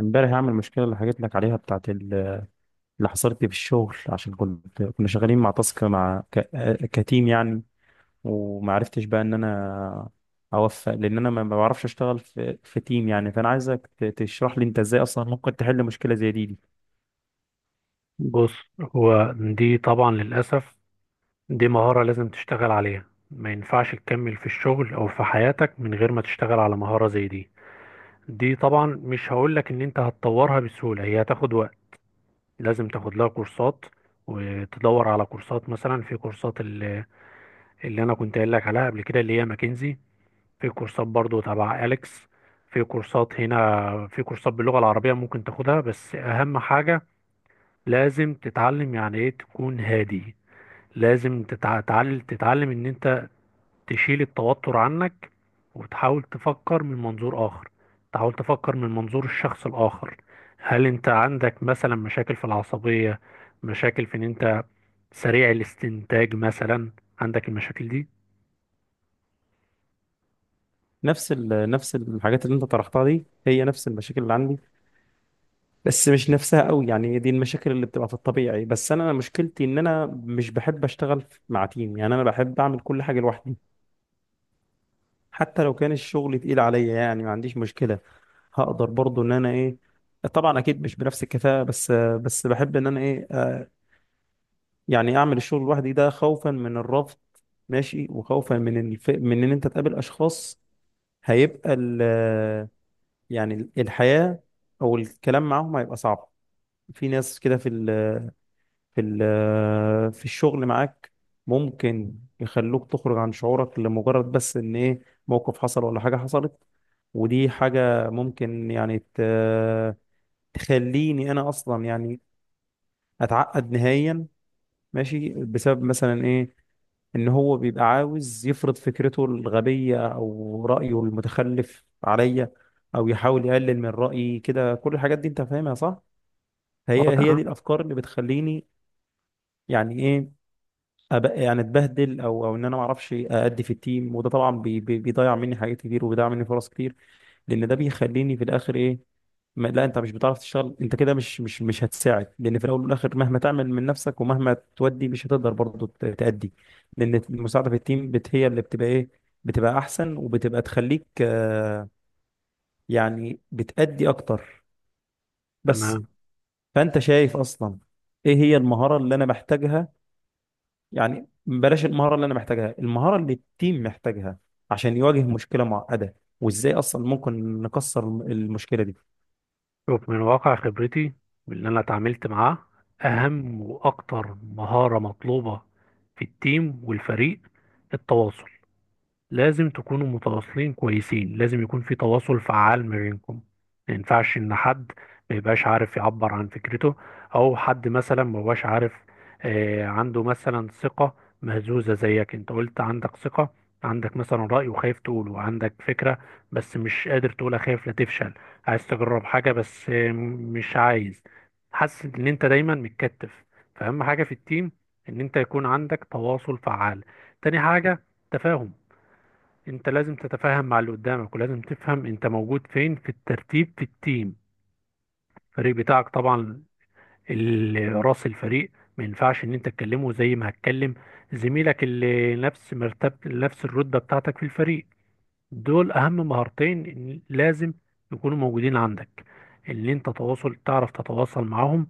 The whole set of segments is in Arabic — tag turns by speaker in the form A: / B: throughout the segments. A: امبارح هعمل المشكله اللي حكيت لك عليها بتاعت اللي حصلت لي في الشغل عشان كنا شغالين مع تاسك كتيم يعني. وما عرفتش بقى ان انا اوفق، لان انا ما بعرفش اشتغل في تيم يعني. فانا عايزك تشرح لي انت ازاي اصلا ممكن تحل مشكله زي دي.
B: بص، هو دي طبعا للأسف دي مهارة لازم تشتغل عليها. ما ينفعش تكمل في الشغل أو في حياتك من غير ما تشتغل على مهارة زي دي. دي طبعا مش هقولك إن أنت هتطورها بسهولة، هي هتاخد وقت. لازم تاخد لها كورسات وتدور على كورسات، مثلا في كورسات اللي أنا كنت قايل لك عليها قبل كده، اللي هي ماكنزي. في كورسات برضو تبع أليكس، في كورسات هنا، في كورسات باللغة العربية ممكن تاخدها. بس أهم حاجة لازم تتعلم يعني إيه تكون هادي. لازم تتعلم ان انت تشيل التوتر عنك، وتحاول تفكر من منظور اخر، تحاول تفكر من منظور الشخص الاخر. هل انت عندك مثلا مشاكل في العصبية، مشاكل في ان انت سريع الاستنتاج مثلا؟ عندك المشاكل دي؟
A: نفس الحاجات اللي انت طرحتها دي هي نفس المشاكل اللي عندي، بس مش نفسها قوي. يعني هي دي المشاكل اللي بتبقى في الطبيعي، بس انا مشكلتي ان انا مش بحب اشتغل مع تيم. يعني انا بحب اعمل كل حاجه لوحدي، حتى لو كان الشغل تقيل عليا، يعني ما عنديش مشكلة. هقدر برضو ان انا ايه، طبعا اكيد مش بنفس الكفاءة، بس بحب ان انا ايه يعني اعمل الشغل لوحدي، ده خوفا من الرفض، ماشي، وخوفا من من ان انت تقابل اشخاص هيبقى يعني الحياة او الكلام معاهم هيبقى صعب. في ناس كده في ال... في ال- آه، في الشغل معاك ممكن يخلوك تخرج عن شعورك لمجرد بس ان ايه، موقف حصل ولا حاجة حصلت. ودي حاجة ممكن يعني تخليني انا اصلا يعني اتعقد نهائيا، ماشي، بسبب مثلا ايه، ان هو بيبقى عاوز يفرض فكرته الغبية او رأيه المتخلف عليا، او يحاول يقلل من رأيي كده. كل الحاجات دي انت فاهمها صح؟
B: اه
A: هي
B: تمام،
A: دي الافكار اللي بتخليني يعني ايه، أبقى يعني اتبهدل، او او ان انا ما اعرفش ادي في التيم. وده طبعا بي بي بيضيع مني حاجات كتير وبيضيع مني فرص كتير، لان ده بيخليني في الاخر ايه، ما لا انت مش بتعرف تشتغل، انت كده مش هتساعد. لان في الاول والاخر مهما تعمل من نفسك ومهما تودي مش هتقدر برضه تأدي. لان المساعده في التيم هي اللي بتبقى ايه، بتبقى احسن وبتبقى تخليك يعني بتأدي اكتر بس.
B: تمام.
A: فانت شايف اصلا ايه هي المهاره اللي انا محتاجها، يعني بلاش المهارة اللي أنا محتاجها، المهارة اللي التيم محتاجها عشان يواجه مشكلة معقدة؟ وإزاي أصلا ممكن نكسر المشكلة دي؟
B: شوف من واقع خبرتي واللي انا اتعاملت معاه، اهم واكتر مهارة مطلوبة في التيم والفريق، التواصل. لازم تكونوا متواصلين كويسين، لازم يكون في تواصل فعال ما بينكم. ما ينفعش ان حد ما يبقاش عارف يعبر عن فكرته، او حد مثلا ما هوش عارف، عنده مثلا ثقة مهزوزة زيك انت قلت عندك ثقة، عندك مثلا رأي وخايف تقوله، عندك فكرة بس مش قادر تقولها خايف لا تفشل، عايز تجرب حاجة بس مش عايز، حاسس ان انت دايما متكتف. فأهم حاجة في التيم ان انت يكون عندك تواصل فعال. تاني حاجة، تفاهم. انت لازم تتفاهم مع اللي قدامك، ولازم تفهم انت موجود فين في الترتيب في التيم. الفريق بتاعك طبعا، راس الفريق ما ينفعش ان انت تكلمه زي ما هتكلم زميلك اللي نفس مرتب، نفس الرتبة بتاعتك في الفريق. دول اهم مهارتين إن لازم يكونوا موجودين عندك، ان انت تواصل، تعرف تتواصل معاهم.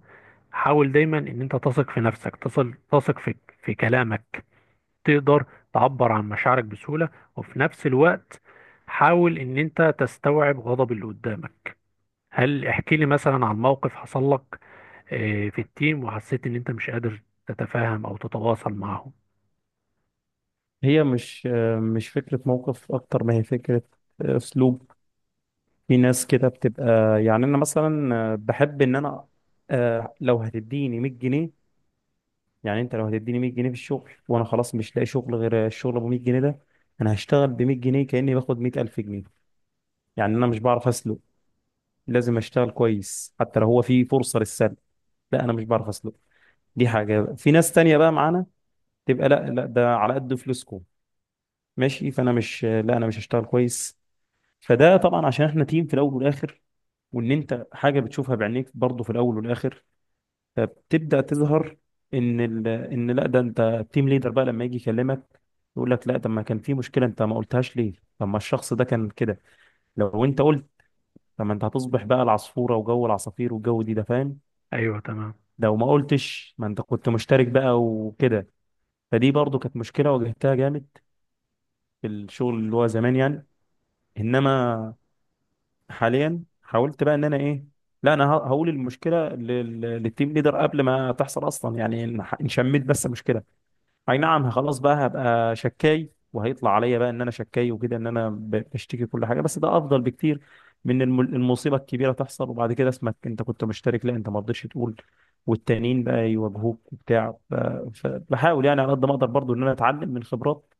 B: حاول دايما ان انت تثق في نفسك، تصل تثق في كلامك، تقدر تعبر عن مشاعرك بسهولة. وفي نفس الوقت حاول ان انت تستوعب غضب اللي قدامك. هل احكي لي مثلا عن موقف حصل لك في التيم وحسيت ان انت مش قادر تتفاهم او تتواصل معهم؟
A: هي مش مش فكرة موقف، أكتر ما هي فكرة أسلوب. في ناس كده بتبقى يعني، أنا مثلا بحب إن أنا لو هتديني 100 جنيه، يعني أنت لو هتديني 100 جنيه في الشغل وأنا خلاص مش لاقي شغل غير الشغل أبو 100 جنيه ده، أنا هشتغل ب 100 جنيه كأني باخد 100,000 جنيه. يعني أنا مش بعرف أسلق، لازم أشتغل كويس حتى لو هو في فرصة للسلق. لا انا مش بعرف اسلق. دي حاجه بقى. في ناس تانية بقى معانا تبقى لا لا، ده على قد فلوسكم ماشي، فانا مش، لا انا مش هشتغل كويس. فده طبعا عشان احنا تيم في الاول والاخر، وان انت حاجه بتشوفها بعينيك برضه في الاول والاخر فبتبدا تظهر، ان لا ده انت التيم ليدر بقى لما يجي يكلمك يقول لك لا، طب ما كان في مشكله انت ما قلتهاش ليه، طب ما الشخص ده كان كده، لو انت قلت، طب ما انت هتصبح بقى العصفوره وجو العصافير والجو دي، ده فاهم؟
B: ايوه تمام.
A: لو ما قلتش ما انت كنت مشترك بقى وكده. فدي برضو كانت مشكلة واجهتها جامد في الشغل اللي هو زمان يعني. إنما حاليا حاولت بقى إن أنا إيه، لا أنا هقول المشكلة للتيم ليدر قبل ما تحصل أصلا. يعني إن إن شميت بس مشكلة، أي نعم خلاص بقى هبقى شكاي وهيطلع عليا بقى إن أنا شكاي وكده، إن أنا بشتكي كل حاجة، بس ده أفضل بكتير من المصيبة الكبيرة تحصل وبعد كده اسمك أنت كنت مشترك، لا أنت ما رضيتش تقول، والتانيين بقى يواجهوك وبتاع. فبحاول يعني على قد ما أقدر برضو إن أنا أتعلم من خبرات،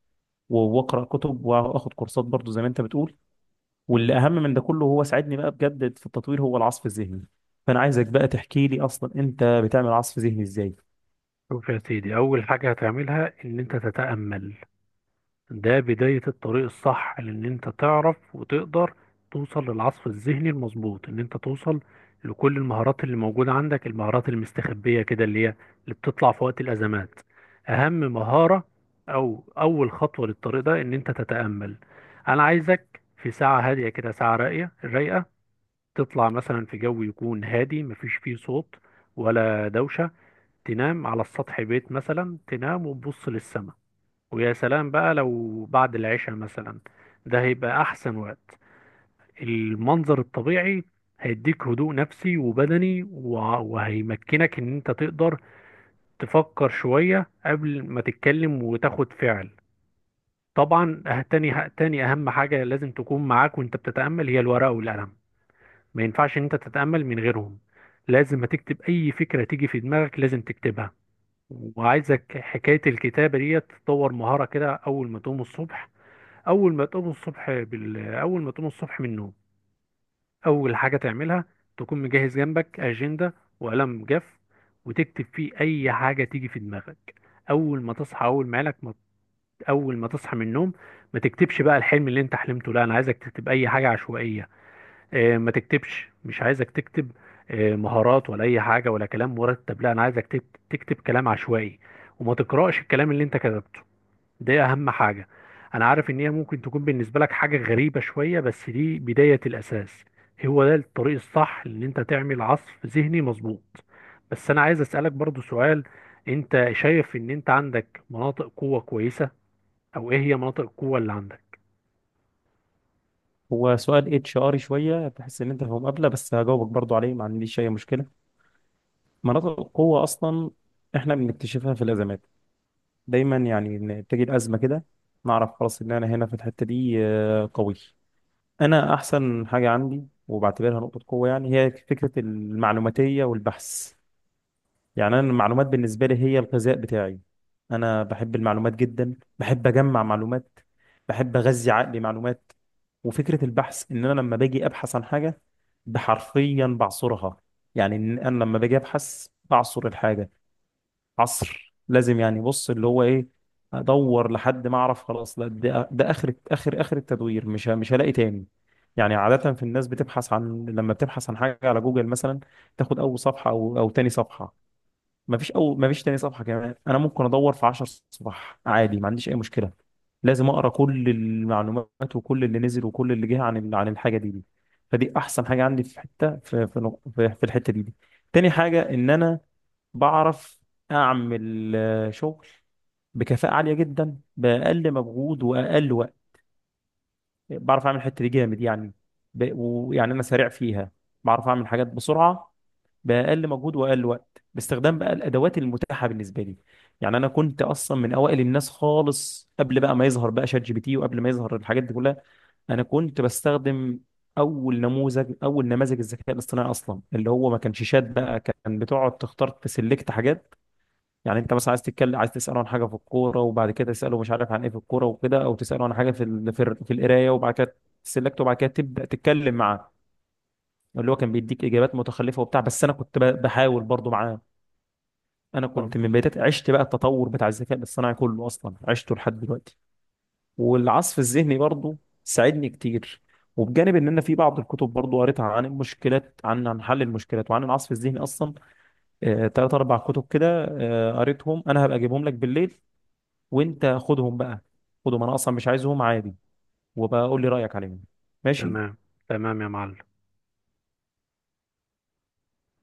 A: واقرا كتب واخد كورسات برضو زي ما انت بتقول.
B: مم.
A: واللي اهم من ده كله، هو ساعدني بقى بجد في التطوير، هو العصف الذهني. فانا عايزك بقى تحكي لي اصلا انت بتعمل عصف ذهني ازاي.
B: شوف يا سيدي، اول حاجة هتعملها ان انت تتأمل. ده بداية الطريق الصح لان انت تعرف وتقدر توصل للعصف الذهني المظبوط، ان انت توصل لكل المهارات اللي موجودة عندك، المهارات المستخبية كده اللي هي اللي بتطلع في وقت الازمات. اهم مهارة او اول خطوة للطريق ده ان انت تتأمل. انا عايزك في ساعة هادية كده، ساعة راقية رايقة، تطلع مثلا في جو يكون هادي مفيش فيه صوت ولا دوشة. تنام على السطح بيت مثلا، تنام وتبص للسماء. ويا سلام بقى لو بعد العشاء مثلا، ده هيبقى أحسن وقت. المنظر الطبيعي هيديك هدوء نفسي وبدني، وهيمكنك إن أنت تقدر تفكر شوية قبل ما تتكلم وتاخد فعل. طبعا تاني أهم حاجة لازم تكون معاك وأنت بتتأمل هي الورقة والقلم. ما ينفعش إن أنت تتأمل من غيرهم. لازم هتكتب أي فكرة تيجي في دماغك، لازم تكتبها. وعايزك حكاية الكتابة دي تطور مهارة كده. أول ما تقوم الصبح اول ما تقوم الصبح بال... اول ما تقوم الصبح من النوم، اول حاجه تعملها تكون مجهز جنبك اجنده وقلم جاف، وتكتب فيه اي حاجه تيجي في دماغك. اول ما تصحى اول ما لك ما... اول ما تصحى من النوم، ما تكتبش بقى الحلم اللي انت حلمته، لا انا عايزك تكتب اي حاجه عشوائيه. اه ما تكتبش، مش عايزك تكتب اه مهارات ولا اي حاجه ولا كلام مرتب، لا انا عايزك تكتب كلام عشوائي. وما تقراش الكلام اللي انت كتبته. دي اهم حاجة. انا عارف ان هي ممكن تكون بالنسبة لك حاجة غريبة شوية، بس دي بداية الاساس. هو ده الطريق الصح ان انت تعمل عصف ذهني مظبوط. بس انا عايز اسألك برضو سؤال، انت شايف ان انت عندك مناطق قوة كويسة؟ او ايه هي مناطق القوة اللي عندك؟
A: هو سؤال اتش اري شويه، تحس ان انت في مقابله، بس هجاوبك برضو عليه، ما عنديش اي مشكله. مناطق القوه اصلا احنا بنكتشفها في الازمات دايما، يعني إن بتيجي الازمه كده نعرف خلاص ان انا هنا في الحته دي قوي. انا احسن حاجه عندي وبعتبرها نقطه قوه، يعني هي فكره المعلوماتيه والبحث. يعني انا المعلومات بالنسبه لي هي الغذاء بتاعي. انا بحب المعلومات جدا، بحب اجمع معلومات، بحب اغذي عقلي معلومات. وفكره البحث ان انا لما باجي ابحث عن حاجه، بحرفيا بعصرها. يعني إن انا لما باجي ابحث بعصر الحاجه عصر، لازم. يعني بص اللي هو ايه، ادور لحد ما اعرف خلاص لا ده اخر اخر اخر التدوير، مش هلاقي تاني. يعني عاده في الناس بتبحث عن، لما بتبحث عن حاجه على جوجل مثلا، تاخد اول صفحه او او تاني صفحه، مفيش أو مفيش تاني صفحة كمان. أنا ممكن أدور في 10 صفح عادي، ما عنديش أي مشكلة. لازم أقرأ كل المعلومات وكل اللي نزل وكل اللي جه عن عن الحاجة دي. فدي أحسن حاجة عندي في حتة في في نق- في في الحتة دي. تاني حاجة إن أنا بعرف أعمل شغل بكفاءة عالية جدا، بأقل مجهود وأقل وقت. بعرف أعمل الحتة دي جامد يعني. ويعني أنا سريع فيها، بعرف أعمل حاجات بسرعة، باقل مجهود واقل وقت، باستخدام بقى الادوات المتاحه بالنسبه لي. يعني انا كنت اصلا من اوائل الناس خالص، قبل بقى ما يظهر بقى شات جي بي تي، وقبل ما يظهر الحاجات دي كلها، انا كنت بستخدم اول نموذج، اول نماذج الذكاء الاصطناعي اصلا، اللي هو ما كانش شات بقى، كان بتقعد تختار، تسلكت حاجات. يعني انت مثلا عايز تتكلم، عايز تساله عن حاجه في الكوره، وبعد كده تساله مش عارف عن ايه في الكوره وكده، او تساله عن حاجه في القرايه. وبعد كده تسلكت، وبعد كده تبدا تتكلم معاه. اللي هو كان بيديك اجابات متخلفه وبتاع، بس انا كنت بحاول برضو معاه. انا
B: طب.
A: كنت من بدايات، عشت بقى التطور بتاع الذكاء الاصطناعي كله اصلا، عشته لحد دلوقتي. والعصف الذهني برضه ساعدني كتير. وبجانب ان انا في بعض الكتب برضه قريتها عن المشكلات، عن عن حل المشكلات وعن العصف الذهني اصلا. تلات اربع كتب كده قريتهم. انا هبقى اجيبهم لك بالليل وانت خدهم بقى، خدهم انا اصلا مش عايزهم عادي، وبقول لي رايك عليهم، ماشي.
B: تمام، تمام يا معلم.